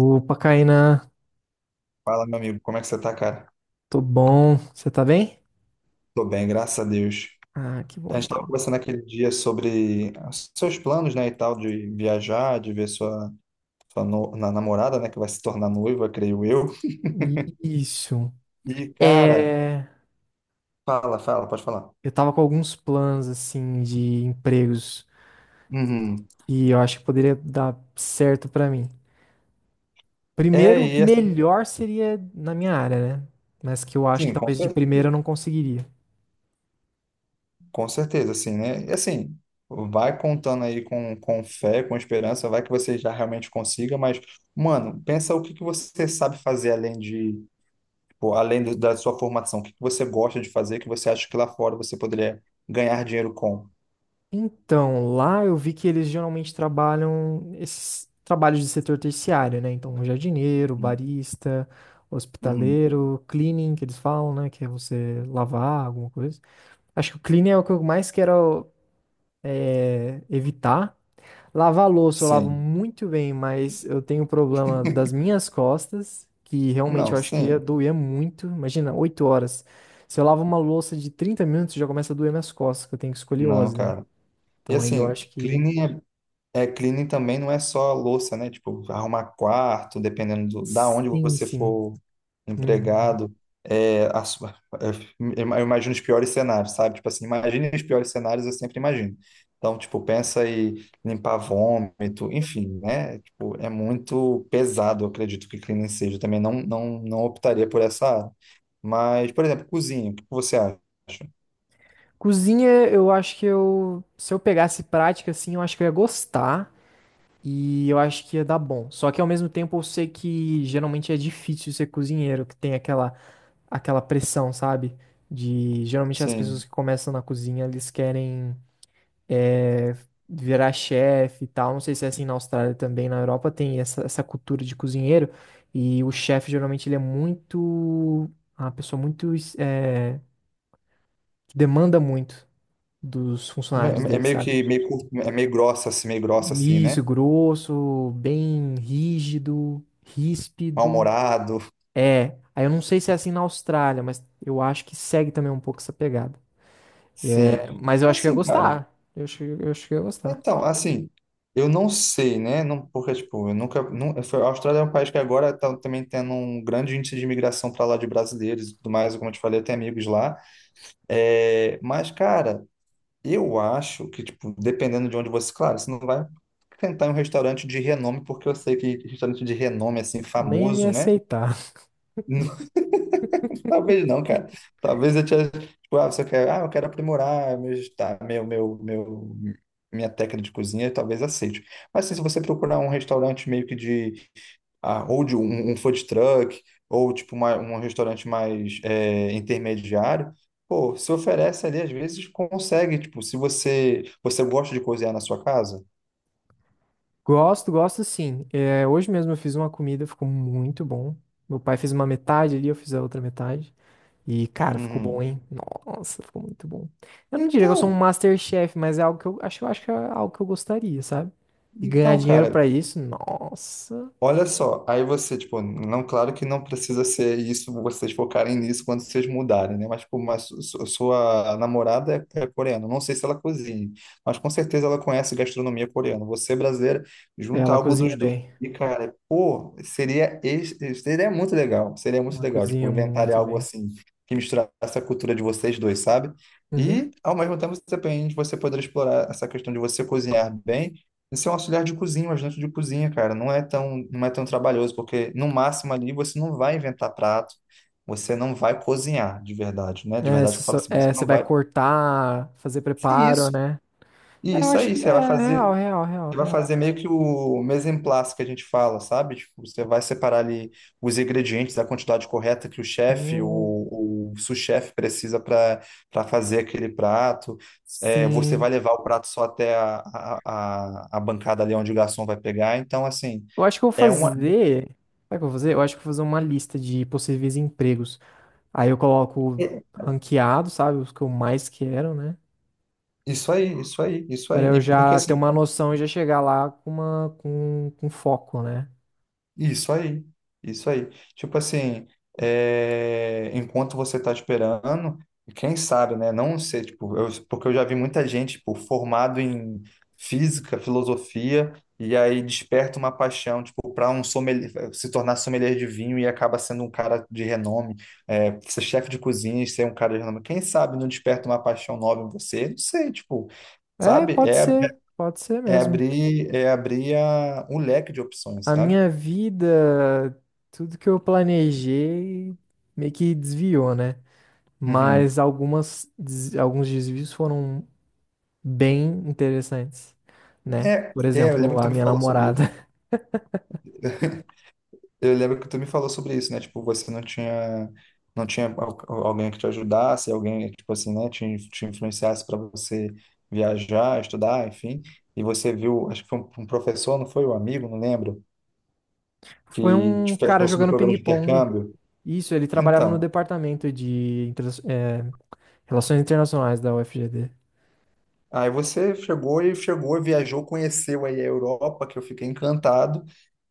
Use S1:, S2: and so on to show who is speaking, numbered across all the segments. S1: Opa, Caína,
S2: Fala, meu amigo, como é que você tá, cara?
S1: tô bom. Você tá bem?
S2: Tô bem, graças a Deus.
S1: Ah, que
S2: A
S1: bom
S2: gente tava
S1: então.
S2: conversando aquele dia sobre os seus planos, né, e tal, de viajar, de ver sua, sua no- na namorada, né, que vai se tornar noiva, creio eu.
S1: Isso.
S2: E, cara,
S1: É,
S2: fala, pode falar.
S1: eu tava com alguns planos assim de empregos
S2: Uhum.
S1: e eu acho que poderia dar certo pra mim. Primeiro,
S2: É, e assim,
S1: melhor seria na minha área, né? Mas que eu acho que
S2: sim,
S1: talvez de primeira eu não conseguiria.
S2: com certeza, assim, né? E assim, vai contando aí com fé, com esperança, vai que você já realmente consiga, mas, mano, pensa o que que você sabe fazer além de. Pô, além da sua formação, o que que você gosta de fazer que você acha que lá fora você poderia ganhar dinheiro com?
S1: Então, lá eu vi que eles geralmente trabalham esses trabalhos de setor terciário, né? Então, jardineiro,
S2: Uhum.
S1: barista,
S2: Uhum.
S1: hospitaleiro, cleaning, que eles falam, né? Que é você lavar alguma coisa. Acho que o cleaning é o que eu mais quero evitar. Lavar louça eu lavo
S2: Sim.
S1: muito bem, mas eu tenho um problema das minhas costas, que realmente
S2: Não,
S1: eu acho que ia
S2: sim.
S1: doer muito. Imagina, 8 horas. Se eu lavo uma louça de 30 minutos, já começa a doer minhas costas, que eu tenho
S2: Não,
S1: escoliose, né?
S2: cara. E
S1: Então aí eu
S2: assim,
S1: acho que
S2: cleaning é. É, cleaning também não é só louça, né? Tipo, arrumar quarto, dependendo da onde
S1: sim,
S2: você
S1: sim.
S2: for
S1: Uhum.
S2: empregado. É, a su- é, eu imagino os piores cenários, sabe? Tipo assim, imagine os piores cenários, eu sempre imagino. Então, tipo, pensa em limpar vômito, enfim, né? Tipo, é muito pesado, eu acredito que cleaning seja. Eu também não optaria por essa área. Mas, por exemplo, cozinha, o que você acha?
S1: Cozinha, eu acho que eu, se eu pegasse prática, assim, eu acho que eu ia gostar e eu acho que ia dar bom. Só que ao mesmo tempo eu sei que geralmente é difícil ser cozinheiro, que tem aquela, pressão, sabe? De geralmente as pessoas
S2: Sim.
S1: que começam na cozinha, eles querem é, virar chefe e tal. Não sei se é assim na Austrália também, na Europa tem essa cultura de cozinheiro e o chefe geralmente ele é muito, uma pessoa muito é, que demanda muito dos funcionários
S2: É
S1: dele,
S2: meio
S1: sabe?
S2: que meio, cur- é meio grossa, assim,
S1: Isso,
S2: né?
S1: grosso, bem rígido, ríspido.
S2: Mal-humorado.
S1: É, aí eu não sei se é assim na Austrália, mas eu acho que segue também um pouco essa pegada.
S2: Sim.
S1: É, mas eu acho que eu ia
S2: Assim, cara.
S1: gostar. Eu acho que eu ia gostar.
S2: Então, assim, eu não sei, né? Não, porque, tipo, eu nunca. Não, foi- A Austrália é um país que agora tá também tendo um grande índice de imigração para lá de brasileiros e tudo mais, como eu te falei, eu tenho amigos lá. É, mas, cara, eu acho que, tipo, dependendo de onde você. Claro, você não vai tentar em um restaurante de renome, porque eu sei que restaurante de renome, assim,
S1: Nem ia me
S2: famoso, né?
S1: aceitar.
S2: Talvez não, cara. Talvez eu tinha, tipo, ah, você quer, ah, eu quero aprimorar meus, tá, minha técnica de cozinha, talvez aceite. Mas assim, se você procurar um restaurante meio que de, ah, ou de um food truck, ou tipo um restaurante mais é, intermediário, pô, se oferece ali, às vezes consegue, tipo, se você, você gosta de cozinhar na sua casa.
S1: Gosto, gosto sim. É, hoje mesmo eu fiz uma comida, ficou muito bom. Meu pai fez uma metade ali, eu fiz a outra metade. E, cara, ficou bom,
S2: Uhum.
S1: hein? Nossa, ficou muito bom. Eu não diria que eu sou um
S2: Então,
S1: MasterChef, mas é algo que eu acho que é algo que eu gostaria, sabe? E ganhar
S2: então,
S1: dinheiro
S2: cara.
S1: pra isso, nossa.
S2: Olha só, aí você, tipo, não, claro que não precisa ser isso, vocês focarem nisso quando vocês mudarem, né? Mas, tipo, mas sua namorada é, é coreana, não sei se ela cozinha, mas com certeza ela conhece gastronomia coreana. Você, brasileira,
S1: É,
S2: junta
S1: ela
S2: algo dos
S1: cozinha
S2: dois
S1: bem.
S2: e, cara, pô, seria muito legal, seria muito
S1: Ela
S2: legal, tipo,
S1: cozinha
S2: inventar
S1: muito
S2: algo
S1: bem.
S2: assim, que misturasse a cultura de vocês dois, sabe?
S1: Uhum.
S2: E, ao mesmo tempo, você também você poderia explorar essa questão de você cozinhar bem. Isso é um auxiliar de cozinha, um ajudante de cozinha, cara. Não é tão trabalhoso, porque no máximo ali você não vai inventar prato, você não vai cozinhar de verdade, né? De verdade que eu falo assim, você
S1: Você
S2: não
S1: vai
S2: vai.
S1: cortar, fazer
S2: E
S1: preparo,
S2: Isso,
S1: né?
S2: e
S1: É, eu
S2: isso
S1: acho
S2: aí,
S1: que é
S2: você vai
S1: é
S2: fazer,
S1: real, real, real,
S2: você vai
S1: real.
S2: fazer meio que o mise en place que a gente fala, sabe? Tipo, você vai separar ali os ingredientes, a quantidade correta que o chefe, o,
S1: Hum,
S2: o sous-chefe precisa para fazer aquele prato. É, você
S1: sim.
S2: vai levar o prato só até a bancada ali onde o garçom vai pegar. Então, assim.
S1: Eu acho que eu vou
S2: É uma.
S1: fazer. Sabe o que eu vou fazer? Eu acho que eu vou fazer uma lista de possíveis empregos. Aí eu coloco
S2: é-.
S1: ranqueado, sabe? Os que eu mais quero, né?
S2: Isso aí, isso aí, isso
S1: Pra
S2: aí.
S1: eu
S2: E porque
S1: já ter
S2: assim,
S1: uma noção e já chegar lá com com foco, né?
S2: isso aí, isso aí. Tipo assim, é, enquanto você tá esperando, quem sabe, né? Não sei, tipo, eu- porque eu já vi muita gente, tipo, formado em física, filosofia, e aí desperta uma paixão, tipo, para um sommelier, se tornar sommelier de vinho e acaba sendo um cara de renome, é, ser chefe de cozinha e ser um cara de renome. Quem sabe não desperta uma paixão nova em você? Não sei, tipo.
S1: É,
S2: Sabe? É,
S1: pode ser
S2: É
S1: mesmo.
S2: abrir, é abrir a, um leque de opções,
S1: A
S2: sabe?
S1: minha vida, tudo que eu planejei meio que desviou, né?
S2: Uhum.
S1: Mas alguns desvios foram bem interessantes, né? Por
S2: Eu lembro
S1: exemplo,
S2: que tu
S1: a
S2: me
S1: minha
S2: falou sobre
S1: namorada
S2: isso. Eu lembro que tu me falou sobre isso, né? Tipo, você não tinha, alguém que te ajudasse, alguém, tipo assim, né? Te influenciasse para você viajar, estudar, enfim. E você viu, acho que foi um professor, não foi? Um amigo, não lembro,
S1: foi
S2: que te
S1: um cara
S2: falou sobre o
S1: jogando
S2: programa de
S1: ping-pong.
S2: intercâmbio.
S1: Isso, ele trabalhava no
S2: Então,
S1: departamento de Relações Internacionais da UFGD.
S2: Aí você chegou e chegou, viajou, conheceu aí a Europa, que eu fiquei encantado.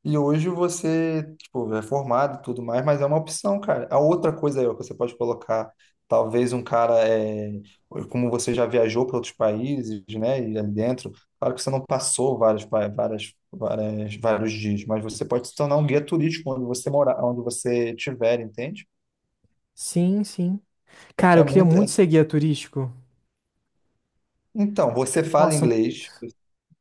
S2: E hoje você, tipo, é formado e tudo mais, mas é uma opção, cara. A outra coisa aí, ó, que você pode colocar, talvez um cara, é, como você já viajou para outros países, né, e ali dentro, claro que você não passou vários, pa- várias, várias, vários dias, mas você pode se tornar um guia turístico onde você morar, onde você estiver, entende?
S1: Sim, sim. Cara,
S2: É
S1: eu queria
S2: muito. é-.
S1: muito ser guia turístico.
S2: Então, você fala
S1: Nossa, muito.
S2: inglês,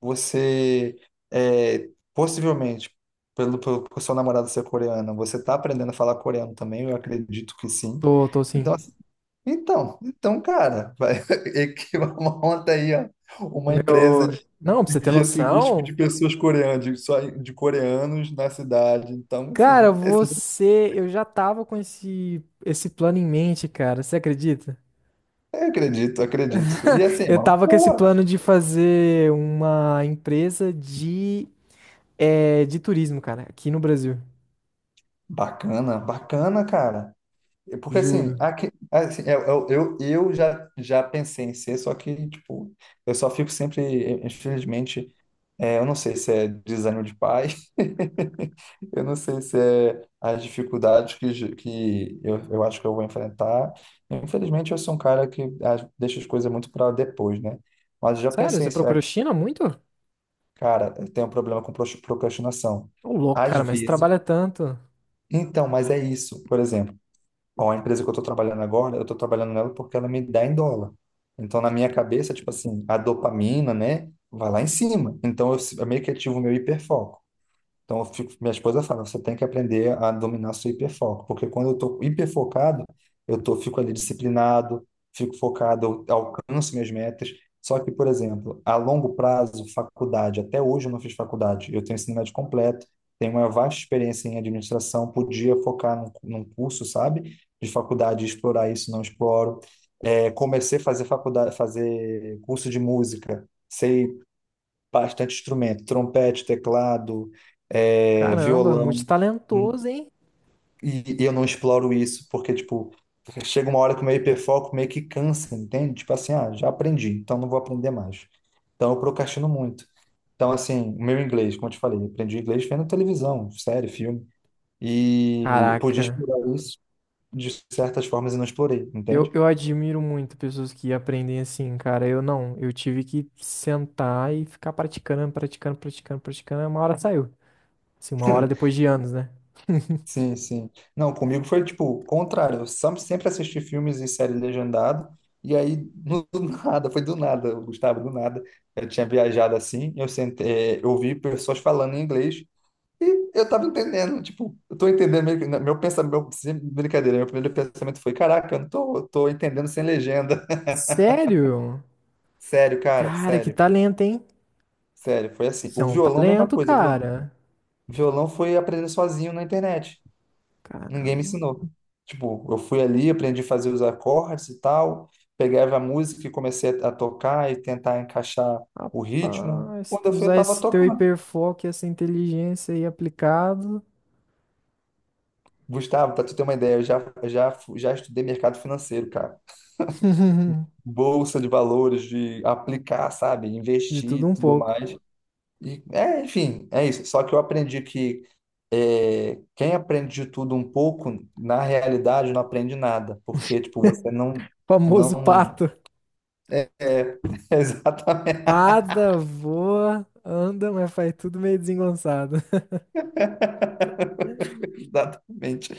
S2: você é, possivelmente, pelo, pelo por seu namorado ser coreano, você está aprendendo a falar coreano também, eu acredito que sim.
S1: Tô, tô sim.
S2: Então, assim, então, cara, vai, e que monta aí, ó, uma empresa
S1: Meu. Não, pra
S2: de
S1: você ter
S2: guia turístico de
S1: noção.
S2: pessoas coreanas, de, só, de coreanos na cidade. Então,
S1: Cara,
S2: assim, é assim,
S1: você. Eu já tava com esse plano em mente, cara. Você acredita?
S2: eu acredito. E assim, é
S1: Eu
S2: uma
S1: tava com esse
S2: boa,
S1: plano de fazer uma empresa de, é, de turismo, cara, aqui no Brasil.
S2: bacana, cara. Porque assim,
S1: Juro.
S2: aqui, assim, eu já pensei em ser, só que, tipo, eu só fico sempre, infelizmente, é, eu não sei se é desânimo de pai, eu não sei se é as dificuldades que, que eu acho que eu vou enfrentar. Infelizmente, eu sou um cara que ah, deixa as coisas muito para depois, né? Mas eu já
S1: Sério,
S2: pensei
S1: você
S2: em ser, ah,
S1: procurou China muito?
S2: cara, eu tenho um problema com procrastinação.
S1: Ô, louco,
S2: Às
S1: cara, mas você
S2: vezes.
S1: trabalha tanto.
S2: Então, mas é isso, por exemplo. Bom, a empresa que eu estou trabalhando agora, eu estou trabalhando nela porque ela me dá em dólar. Então, na minha cabeça, tipo assim, a dopamina, né, vai lá em cima. Então, eu meio que ativo o meu hiperfoco. Então, eu fico- minha esposa fala, você tem que aprender a dominar seu hiperfoco, porque quando eu estou hiperfocado, fico ali disciplinado, fico focado, eu alcanço minhas metas. Só que, por exemplo, a longo prazo, faculdade, até hoje eu não fiz faculdade, eu tenho ensino médio completo, tenho uma vasta experiência em administração, podia focar num curso, sabe, de faculdade, explorar isso, não exploro. É, comecei a fazer faculdade, fazer curso de música, sei bastante instrumento, trompete, teclado, é,
S1: Caramba,
S2: violão, hum,
S1: multitalentoso, hein?
S2: e eu não exploro isso, porque, tipo, chega uma hora que o meu hiperfoco meio que cansa, entende? Tipo assim, ah, já aprendi, então não vou aprender mais. Então eu procrastino muito. Então, assim, o meu inglês, como eu te falei, eu aprendi inglês vendo televisão, série, filme, e podia
S1: Caraca.
S2: explorar isso de certas formas e não explorei,
S1: Eu,
S2: entende?
S1: eu admiro muito pessoas que aprendem assim, cara. Eu não. Eu tive que sentar e ficar praticando, praticando, praticando, praticando. E uma hora saiu. Assim, uma hora depois de anos, né?
S2: Sim. Não, comigo foi tipo o contrário. Eu sempre assisti filmes e séries legendado, e aí do nada, foi do nada, Gustavo, do nada. Eu tinha viajado assim, eu sentei, é, eu ouvi pessoas falando em inglês e eu tava entendendo, tipo, eu tô entendendo meio que- né, meu pensamento, meu, sem brincadeira, meu primeiro pensamento foi, caraca, eu tô entendendo sem legenda.
S1: Sério?
S2: Sério, cara,
S1: Cara, que
S2: sério,
S1: talento, hein?
S2: sério, foi assim.
S1: Isso é
S2: O
S1: um
S2: violão, mesma
S1: talento,
S2: coisa,
S1: cara.
S2: violão foi aprender sozinho na internet.
S1: Cara,
S2: Ninguém me ensinou. Tipo, eu fui ali, aprendi a fazer os acordes e tal, pegava a música e comecei a tocar e tentar encaixar o ritmo.
S1: rapaz, se
S2: Quando
S1: tu
S2: eu fui, eu
S1: usar
S2: tava
S1: esse teu
S2: tocando.
S1: hiperfoco e essa inteligência aí aplicado,
S2: Gustavo, para tu ter uma ideia, eu já estudei mercado financeiro, cara. Bolsa de valores, de aplicar, sabe?
S1: de
S2: Investir e
S1: tudo um
S2: tudo
S1: pouco.
S2: mais. E, é, enfim, é isso. Só que eu aprendi que é, quem aprende de tudo um pouco, na realidade, não aprende nada. Porque, tipo, você não,
S1: Famoso
S2: não.
S1: pato.
S2: É, exatamente.
S1: Nada voa, anda, mas faz tudo meio desengonçado.
S2: Exatamente.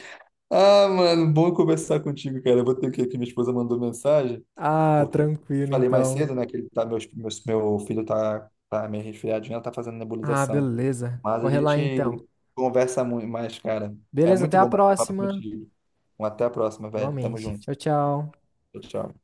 S2: Ah, mano, bom conversar contigo, cara. Eu vou ter que ir aqui, minha esposa mandou mensagem,
S1: Ah,
S2: porque
S1: tranquilo
S2: falei mais
S1: então.
S2: cedo, né, que ele tá, meu filho tá, tá meio resfriadinho, ela tá fazendo
S1: Ah,
S2: nebulização.
S1: beleza.
S2: Mas a
S1: Corre lá então.
S2: gente conversa muito mais, cara. É
S1: Beleza, até
S2: muito
S1: a
S2: bom bater papo
S1: próxima.
S2: contigo. Até a próxima, velho. Tamo
S1: Igualmente.
S2: junto.
S1: Tchau, tchau.
S2: Tchau, tchau.